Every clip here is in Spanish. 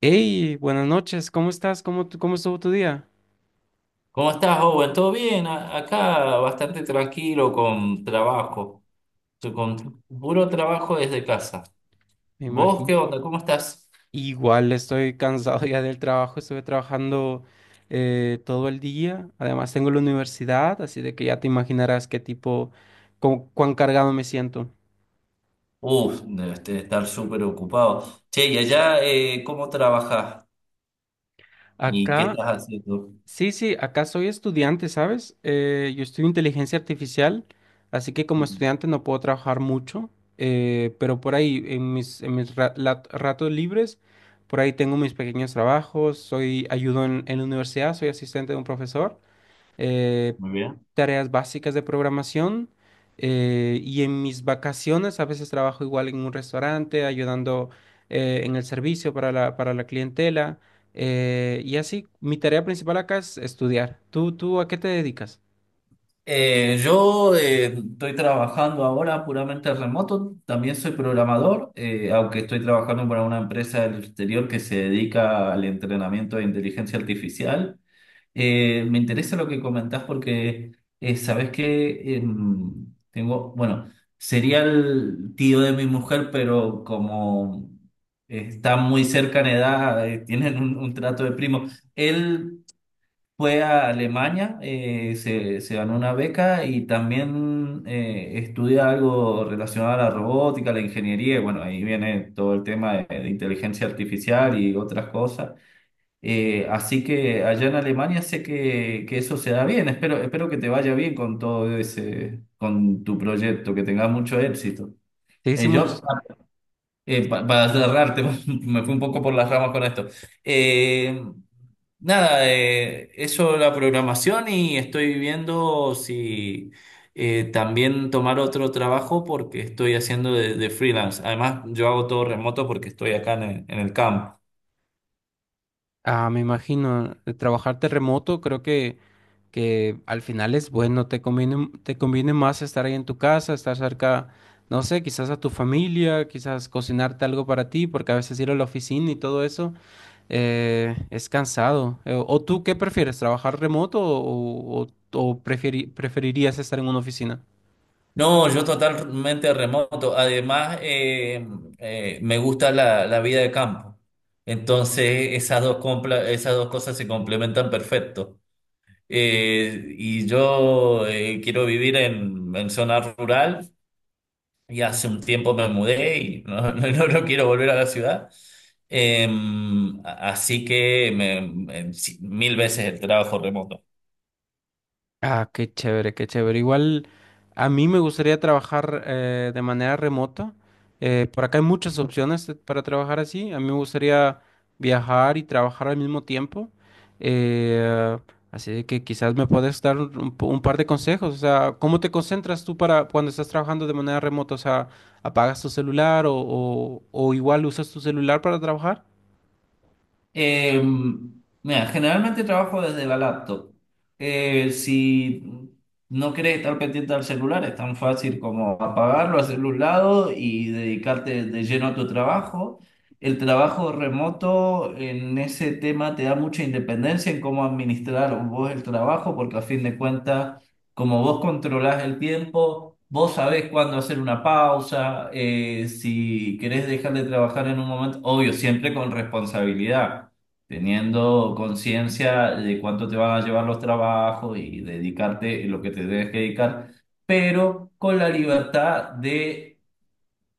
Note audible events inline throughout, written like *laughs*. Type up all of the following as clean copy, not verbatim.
Hey, buenas noches, ¿cómo estás? ¿Cómo, cómo estuvo tu día? ¿Cómo estás, Owen? ¿Todo bien? A- Acá bastante tranquilo con trabajo, con puro trabajo desde casa. Me ¿Vos qué imagino. onda? ¿Cómo estás? Igual estoy cansado ya del trabajo, estuve trabajando todo el día. Además tengo la universidad, así de que ya te imaginarás qué tipo, cuán cargado me siento. Uf, debes de estar súper ocupado. Che, y allá, ¿cómo trabajás? ¿Y qué Acá estás haciendo? sí, sí, acá soy estudiante, ¿sabes? Yo estudio inteligencia artificial, así que como Mm. estudiante no puedo trabajar mucho, pero por ahí en mis ratos libres, por ahí tengo mis pequeños trabajos, soy ayudo en la universidad, soy asistente de un profesor eh, Muy bien. tareas básicas de programación. Y en mis vacaciones a veces trabajo igual en un restaurante, ayudando en el servicio para para la clientela. Y así, mi tarea principal acá es estudiar. ¿Tú, tú a qué te dedicas? Yo estoy trabajando ahora puramente remoto, también soy programador, aunque estoy trabajando para una empresa del exterior que se dedica al entrenamiento de inteligencia artificial. Me interesa lo que comentás porque sabés que tengo, bueno, sería el tío de mi mujer, pero como está muy cerca en edad, tienen un trato de primo. Él fue a Alemania, se ganó una beca y también estudia algo relacionado a la robótica, la ingeniería, y bueno, ahí viene todo el tema de inteligencia artificial y otras cosas. Así que allá en Alemania sé que eso se da bien. Espero, espero que te vaya bien con todo ese, con tu proyecto, que tengas mucho éxito. Sí, sí, Eh, yo, muchos. Para cerrarte, *laughs* me fui un poco por las ramas con esto. Eh, nada, eso la programación y estoy viendo si también tomar otro trabajo porque estoy haciendo de freelance. Además, yo hago todo remoto porque estoy acá en en el camp. Ah, me imagino. Trabajarte remoto, creo que al final es bueno, te conviene más estar ahí en tu casa, estar cerca, no sé, quizás a tu familia, quizás cocinarte algo para ti, porque a veces ir a la oficina y todo eso es cansado. ¿O tú qué prefieres, trabajar remoto o preferirías estar en una oficina? No, yo totalmente remoto. Además, me gusta la vida de campo. Entonces, esas dos, esas dos cosas se complementan perfecto. Y yo Quiero vivir en zona rural y hace un tiempo me mudé y no, *laughs* no, no quiero volver a la ciudad. Eh, así que me- me- Sí, mil veces el trabajo remoto. Ah, qué chévere, qué chévere. Igual a mí me gustaría trabajar de manera remota. Por acá hay muchas opciones para trabajar así. A mí me gustaría viajar y trabajar al mismo tiempo. Eh, Así de que quizás me puedes dar un, un par de consejos. O sea, ¿cómo te concentras tú para cuando estás trabajando de manera remota? O sea, ¿apagas tu celular o igual usas tu celular para trabajar? Eh, Mira, generalmente trabajo desde la laptop. Si no querés estar pendiente al celular, es tan fácil como apagarlo, hacerlo a un lado y dedicarte de lleno a tu trabajo. El trabajo remoto en ese tema te da mucha independencia en cómo administrar vos el trabajo, porque a fin de cuentas, como vos controlás el tiempo, vos sabés cuándo hacer una pausa, si querés dejar de trabajar en un momento, obvio, siempre con responsabilidad teniendo conciencia de cuánto te van a llevar los trabajos y dedicarte en lo que te debes que dedicar, pero con la libertad de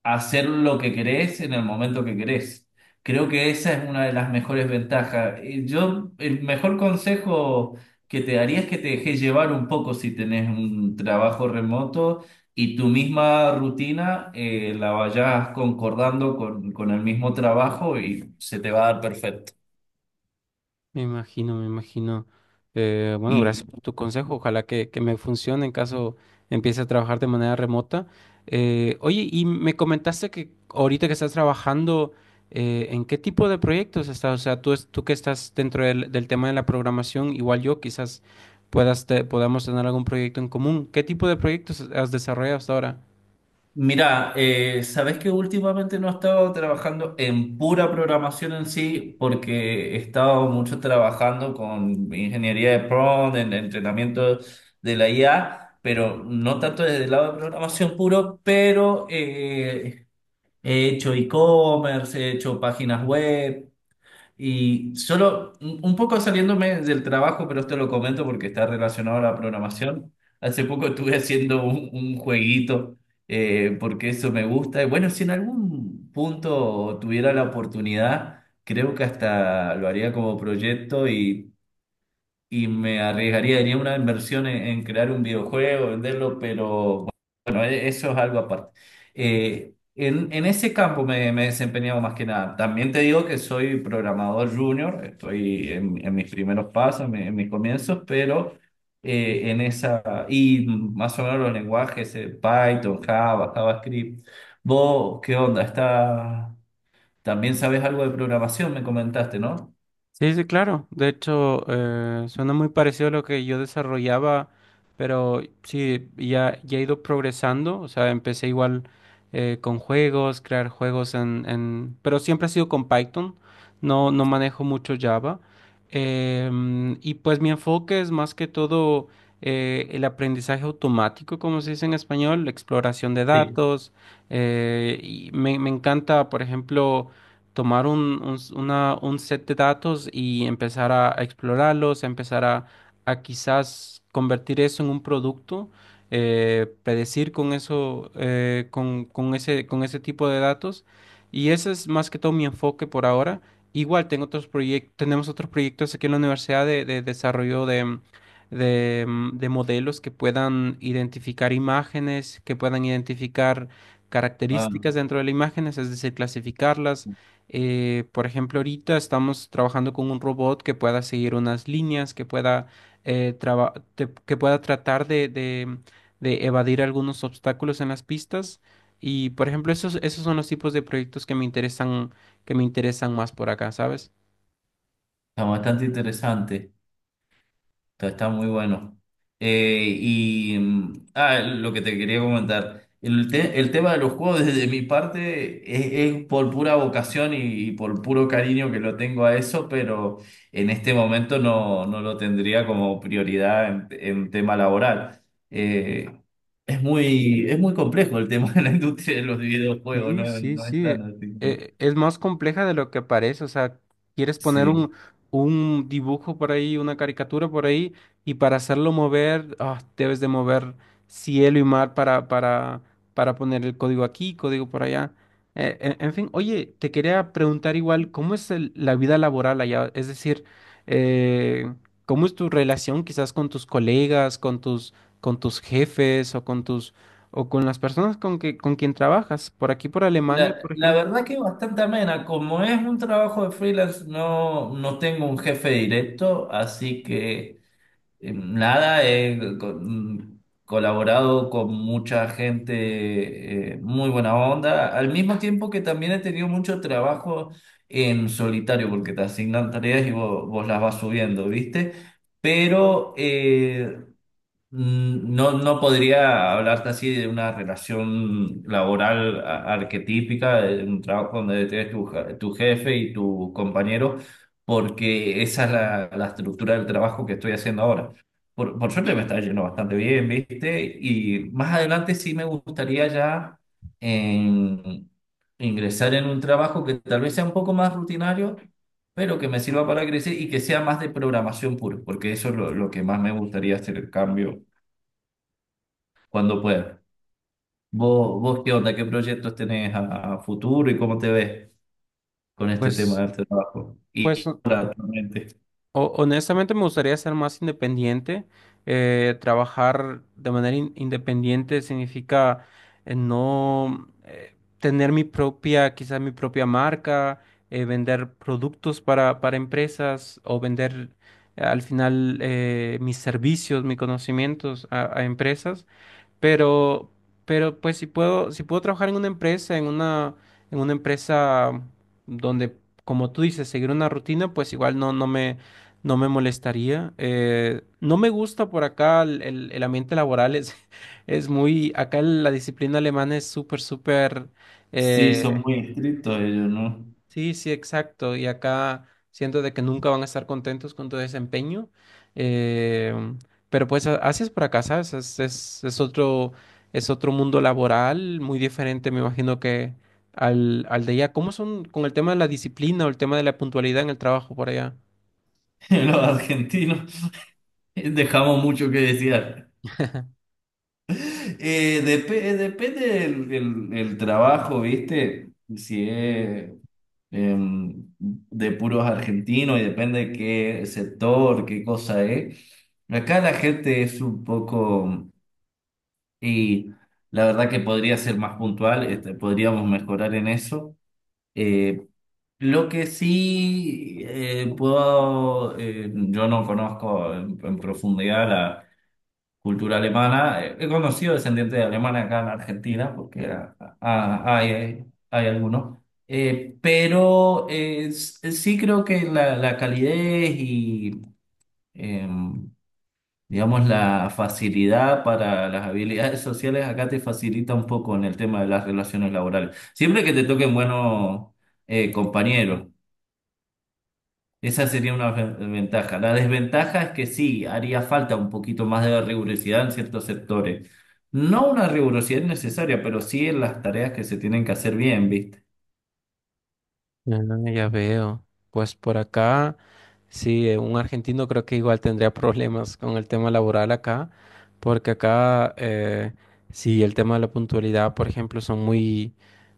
hacer lo que querés en el momento que querés. Creo que esa es una de las mejores ventajas. Y yo, el mejor consejo que te daría es que te dejes llevar un poco si tenés un trabajo remoto y tu misma rutina la vayas concordando con el mismo trabajo y se te va a dar perfecto. Me imagino, me imagino. Bueno, gracias por tu consejo. Ojalá que me funcione en caso empiece a trabajar de manera remota. Oye, y me comentaste que ahorita que estás trabajando, ¿en qué tipo de proyectos estás? O sea, tú, tú que estás dentro del, del tema de la programación, igual yo, quizás podamos tener algún proyecto en común. ¿Qué tipo de proyectos has desarrollado hasta ahora? Mira, sabes que últimamente no he estado trabajando en pura programación en sí, porque he estado mucho trabajando con ingeniería de prompt, en entrenamiento de la IA, pero no tanto desde el lado de programación puro, pero he hecho e-commerce, he hecho páginas web. Y solo un poco saliéndome del trabajo, pero esto lo comento porque está relacionado a la programación. Hace poco estuve haciendo un jueguito porque eso me gusta. Y bueno, si en algún punto tuviera la oportunidad, creo que hasta lo haría como proyecto y me arriesgaría, haría una inversión en crear un videojuego, venderlo, pero bueno, eso es algo aparte. En ese campo me he desempeñado más que nada. También te digo que soy programador junior, estoy en mis primeros pasos, en mis comienzos, pero en esa, y más o menos los lenguajes, Python, Java, JavaScript. ¿Vos qué onda? Está, también sabes algo de programación, me comentaste, ¿no? Sí, sí, claro. De hecho, suena muy parecido a lo que yo desarrollaba, pero sí, ya, ya he ido progresando. O sea, empecé igual con juegos, crear juegos Pero siempre ha sido con Python. No, no manejo mucho Java. Y pues mi enfoque es más que todo el aprendizaje automático, como se dice en español, la exploración de Sí. datos. Y me, me encanta, por ejemplo tomar un, un set de datos y empezar a explorarlos, a empezar a quizás convertir eso en un producto, predecir con eso, con ese tipo de datos. Y ese es más que todo mi enfoque por ahora. Igual tengo otros proyectos, tenemos otros proyectos aquí en la universidad de desarrollo de modelos que puedan identificar imágenes, que puedan identificar Ah, características dentro de las imágenes, es decir, clasificarlas por ejemplo, ahorita estamos trabajando con un robot que pueda seguir unas líneas, que pueda, que pueda tratar de evadir algunos obstáculos en las pistas. Y, por ejemplo, esos, esos son los tipos de proyectos que me interesan más por acá, ¿sabes? está bastante interesante. Está, está muy bueno. Lo que te quería comentar, el tema de los juegos desde mi parte es por pura vocación y por puro cariño que lo tengo a eso, pero en este momento no, no lo tendría como prioridad en tema laboral. Eh, es muy complejo el tema de la industria de los videojuegos, Sí, no, sí, no es sí. tan así como… Es más compleja de lo que parece. O sea, quieres poner Sí. Un dibujo por ahí, una caricatura por ahí, y para hacerlo mover, ah, debes de mover cielo y mar para poner el código aquí, código por allá. En fin, oye, te quería preguntar igual, ¿cómo es la vida laboral allá? Es decir, eh, ¿cómo es tu relación quizás con tus colegas, con tus jefes o con las personas con que con quien trabajas. Por aquí, por Alemania, La, por la ejemplo, verdad que es bastante amena. Como es un trabajo de freelance, no, no tengo un jefe directo, así que nada, he co- mm, colaborado con mucha gente muy buena onda, al mismo tiempo que también he tenido mucho trabajo en solitario, porque te asignan tareas y vos las vas subiendo, ¿viste? Pero eh, No, no podría hablarte así de una relación laboral arquetípica, de un trabajo donde tienes tu jefe y tu compañero, porque esa es la estructura del trabajo que estoy haciendo ahora. Por suerte me está yendo bastante bien, ¿viste? Y más adelante sí me gustaría ya en- ingresar en un trabajo que tal vez sea un poco más rutinario, pero que me sirva para crecer y que sea más de programación pura, porque eso es lo que más me gustaría hacer el cambio cuando puedas. ¿Vos qué onda? ¿Qué proyectos tenés a futuro y cómo te ves con este tema pues, del trabajo? pues Y o- ahora, actualmente. honestamente me gustaría ser más independiente. Trabajar de manera independiente significa no tener mi propia, quizás mi propia marca, vender productos para empresas o vender al final mis servicios, mis conocimientos a empresas. Pero, pero pues si puedo, si puedo trabajar en una empresa donde, como tú dices, seguir una rutina, pues igual no, no me, no me molestaría. No me gusta por acá el, el ambiente laboral, es, *laughs* es muy, acá la disciplina alemana es súper, súper, Sí, son eh, muy estrictos ellos, ¿no? sí, sí, exacto. Y acá siento de que nunca van a estar contentos con tu desempeño. eh, pero pues así es por acá, ¿sabes? Es otro mundo laboral muy diferente, me imagino que al, al de allá. ¿Cómo son con el tema de la disciplina o el tema de la puntualidad en el trabajo por allá? *laughs* Los argentinos dejamos mucho que desear. Depende del trabajo, ¿viste? Si es de puros argentinos y depende de qué sector, qué cosa es. Acá la gente es un poco. Y la verdad que podría ser más puntual, este, podríamos mejorar en eso. Eh, lo que sí puedo, yo no conozco en profundidad la cultura alemana. He conocido descendientes de alemanes acá en Argentina, porque hay algunos. Sí creo que la calidez y em, digamos, la facilidad para las habilidades sociales acá te facilita un poco en el tema de las relaciones laborales. Siempre que te toquen buenos compañeros, esa sería una ventaja. La desventaja es que sí, haría falta un poquito más de rigurosidad en ciertos sectores. No una rigurosidad necesaria, pero sí en las tareas que se tienen que hacer bien, ¿viste? Ah, ya veo. Pues por acá. Sí, un argentino creo que igual tendría problemas con el tema laboral acá, porque acá sí el tema de la puntualidad, por ejemplo, son muy,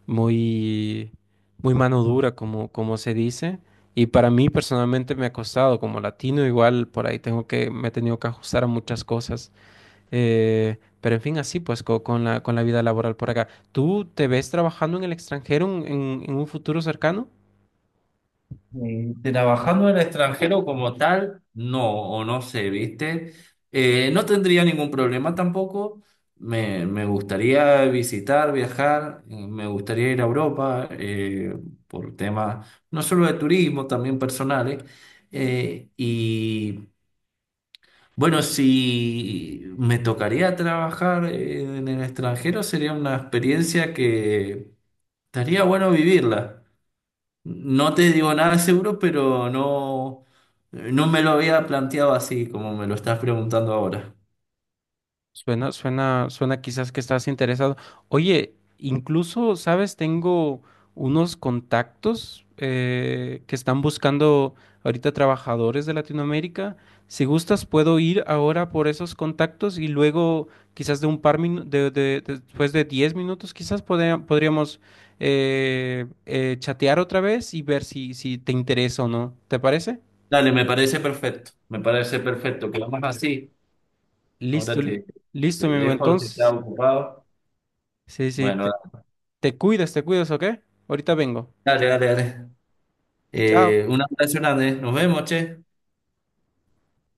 muy, muy mano dura, como, como se dice. Y para mí personalmente me ha costado, como latino, igual por ahí tengo que, me he tenido que ajustar a muchas cosas. Pero en fin, así pues con la vida laboral por acá. ¿Tú te ves trabajando en el extranjero en un futuro cercano? Trabajando en el extranjero como tal, no, o no sé, ¿viste? No tendría ningún problema tampoco. Me gustaría visitar, viajar, me gustaría ir a Europa por temas no solo de turismo, también personales. Eh, y bueno, si me tocaría trabajar en el extranjero, sería una experiencia que estaría bueno vivirla. No te digo nada seguro, pero no, no me lo había planteado así como me lo estás preguntando ahora. Suena, suena, suena quizás que estás interesado. Oye, incluso, ¿sabes? Tengo unos contactos que están buscando ahorita trabajadores de Latinoamérica. Si gustas, puedo ir ahora por esos contactos y luego quizás de un par después de 10 minutos, quizás podríamos chatear otra vez y ver si, si te interesa o no. ¿Te parece? Dale, me parece perfecto, me parece perfecto. Quedamos así. Ahora Listo, te, te listo, mi amigo. dejo, si estás Entonces, ocupado. sí, sí. Bueno, Te cuidas, ¿ok? Ahorita vengo. dale, dale, dale. Chao. Un abrazo grande. Nos vemos, che.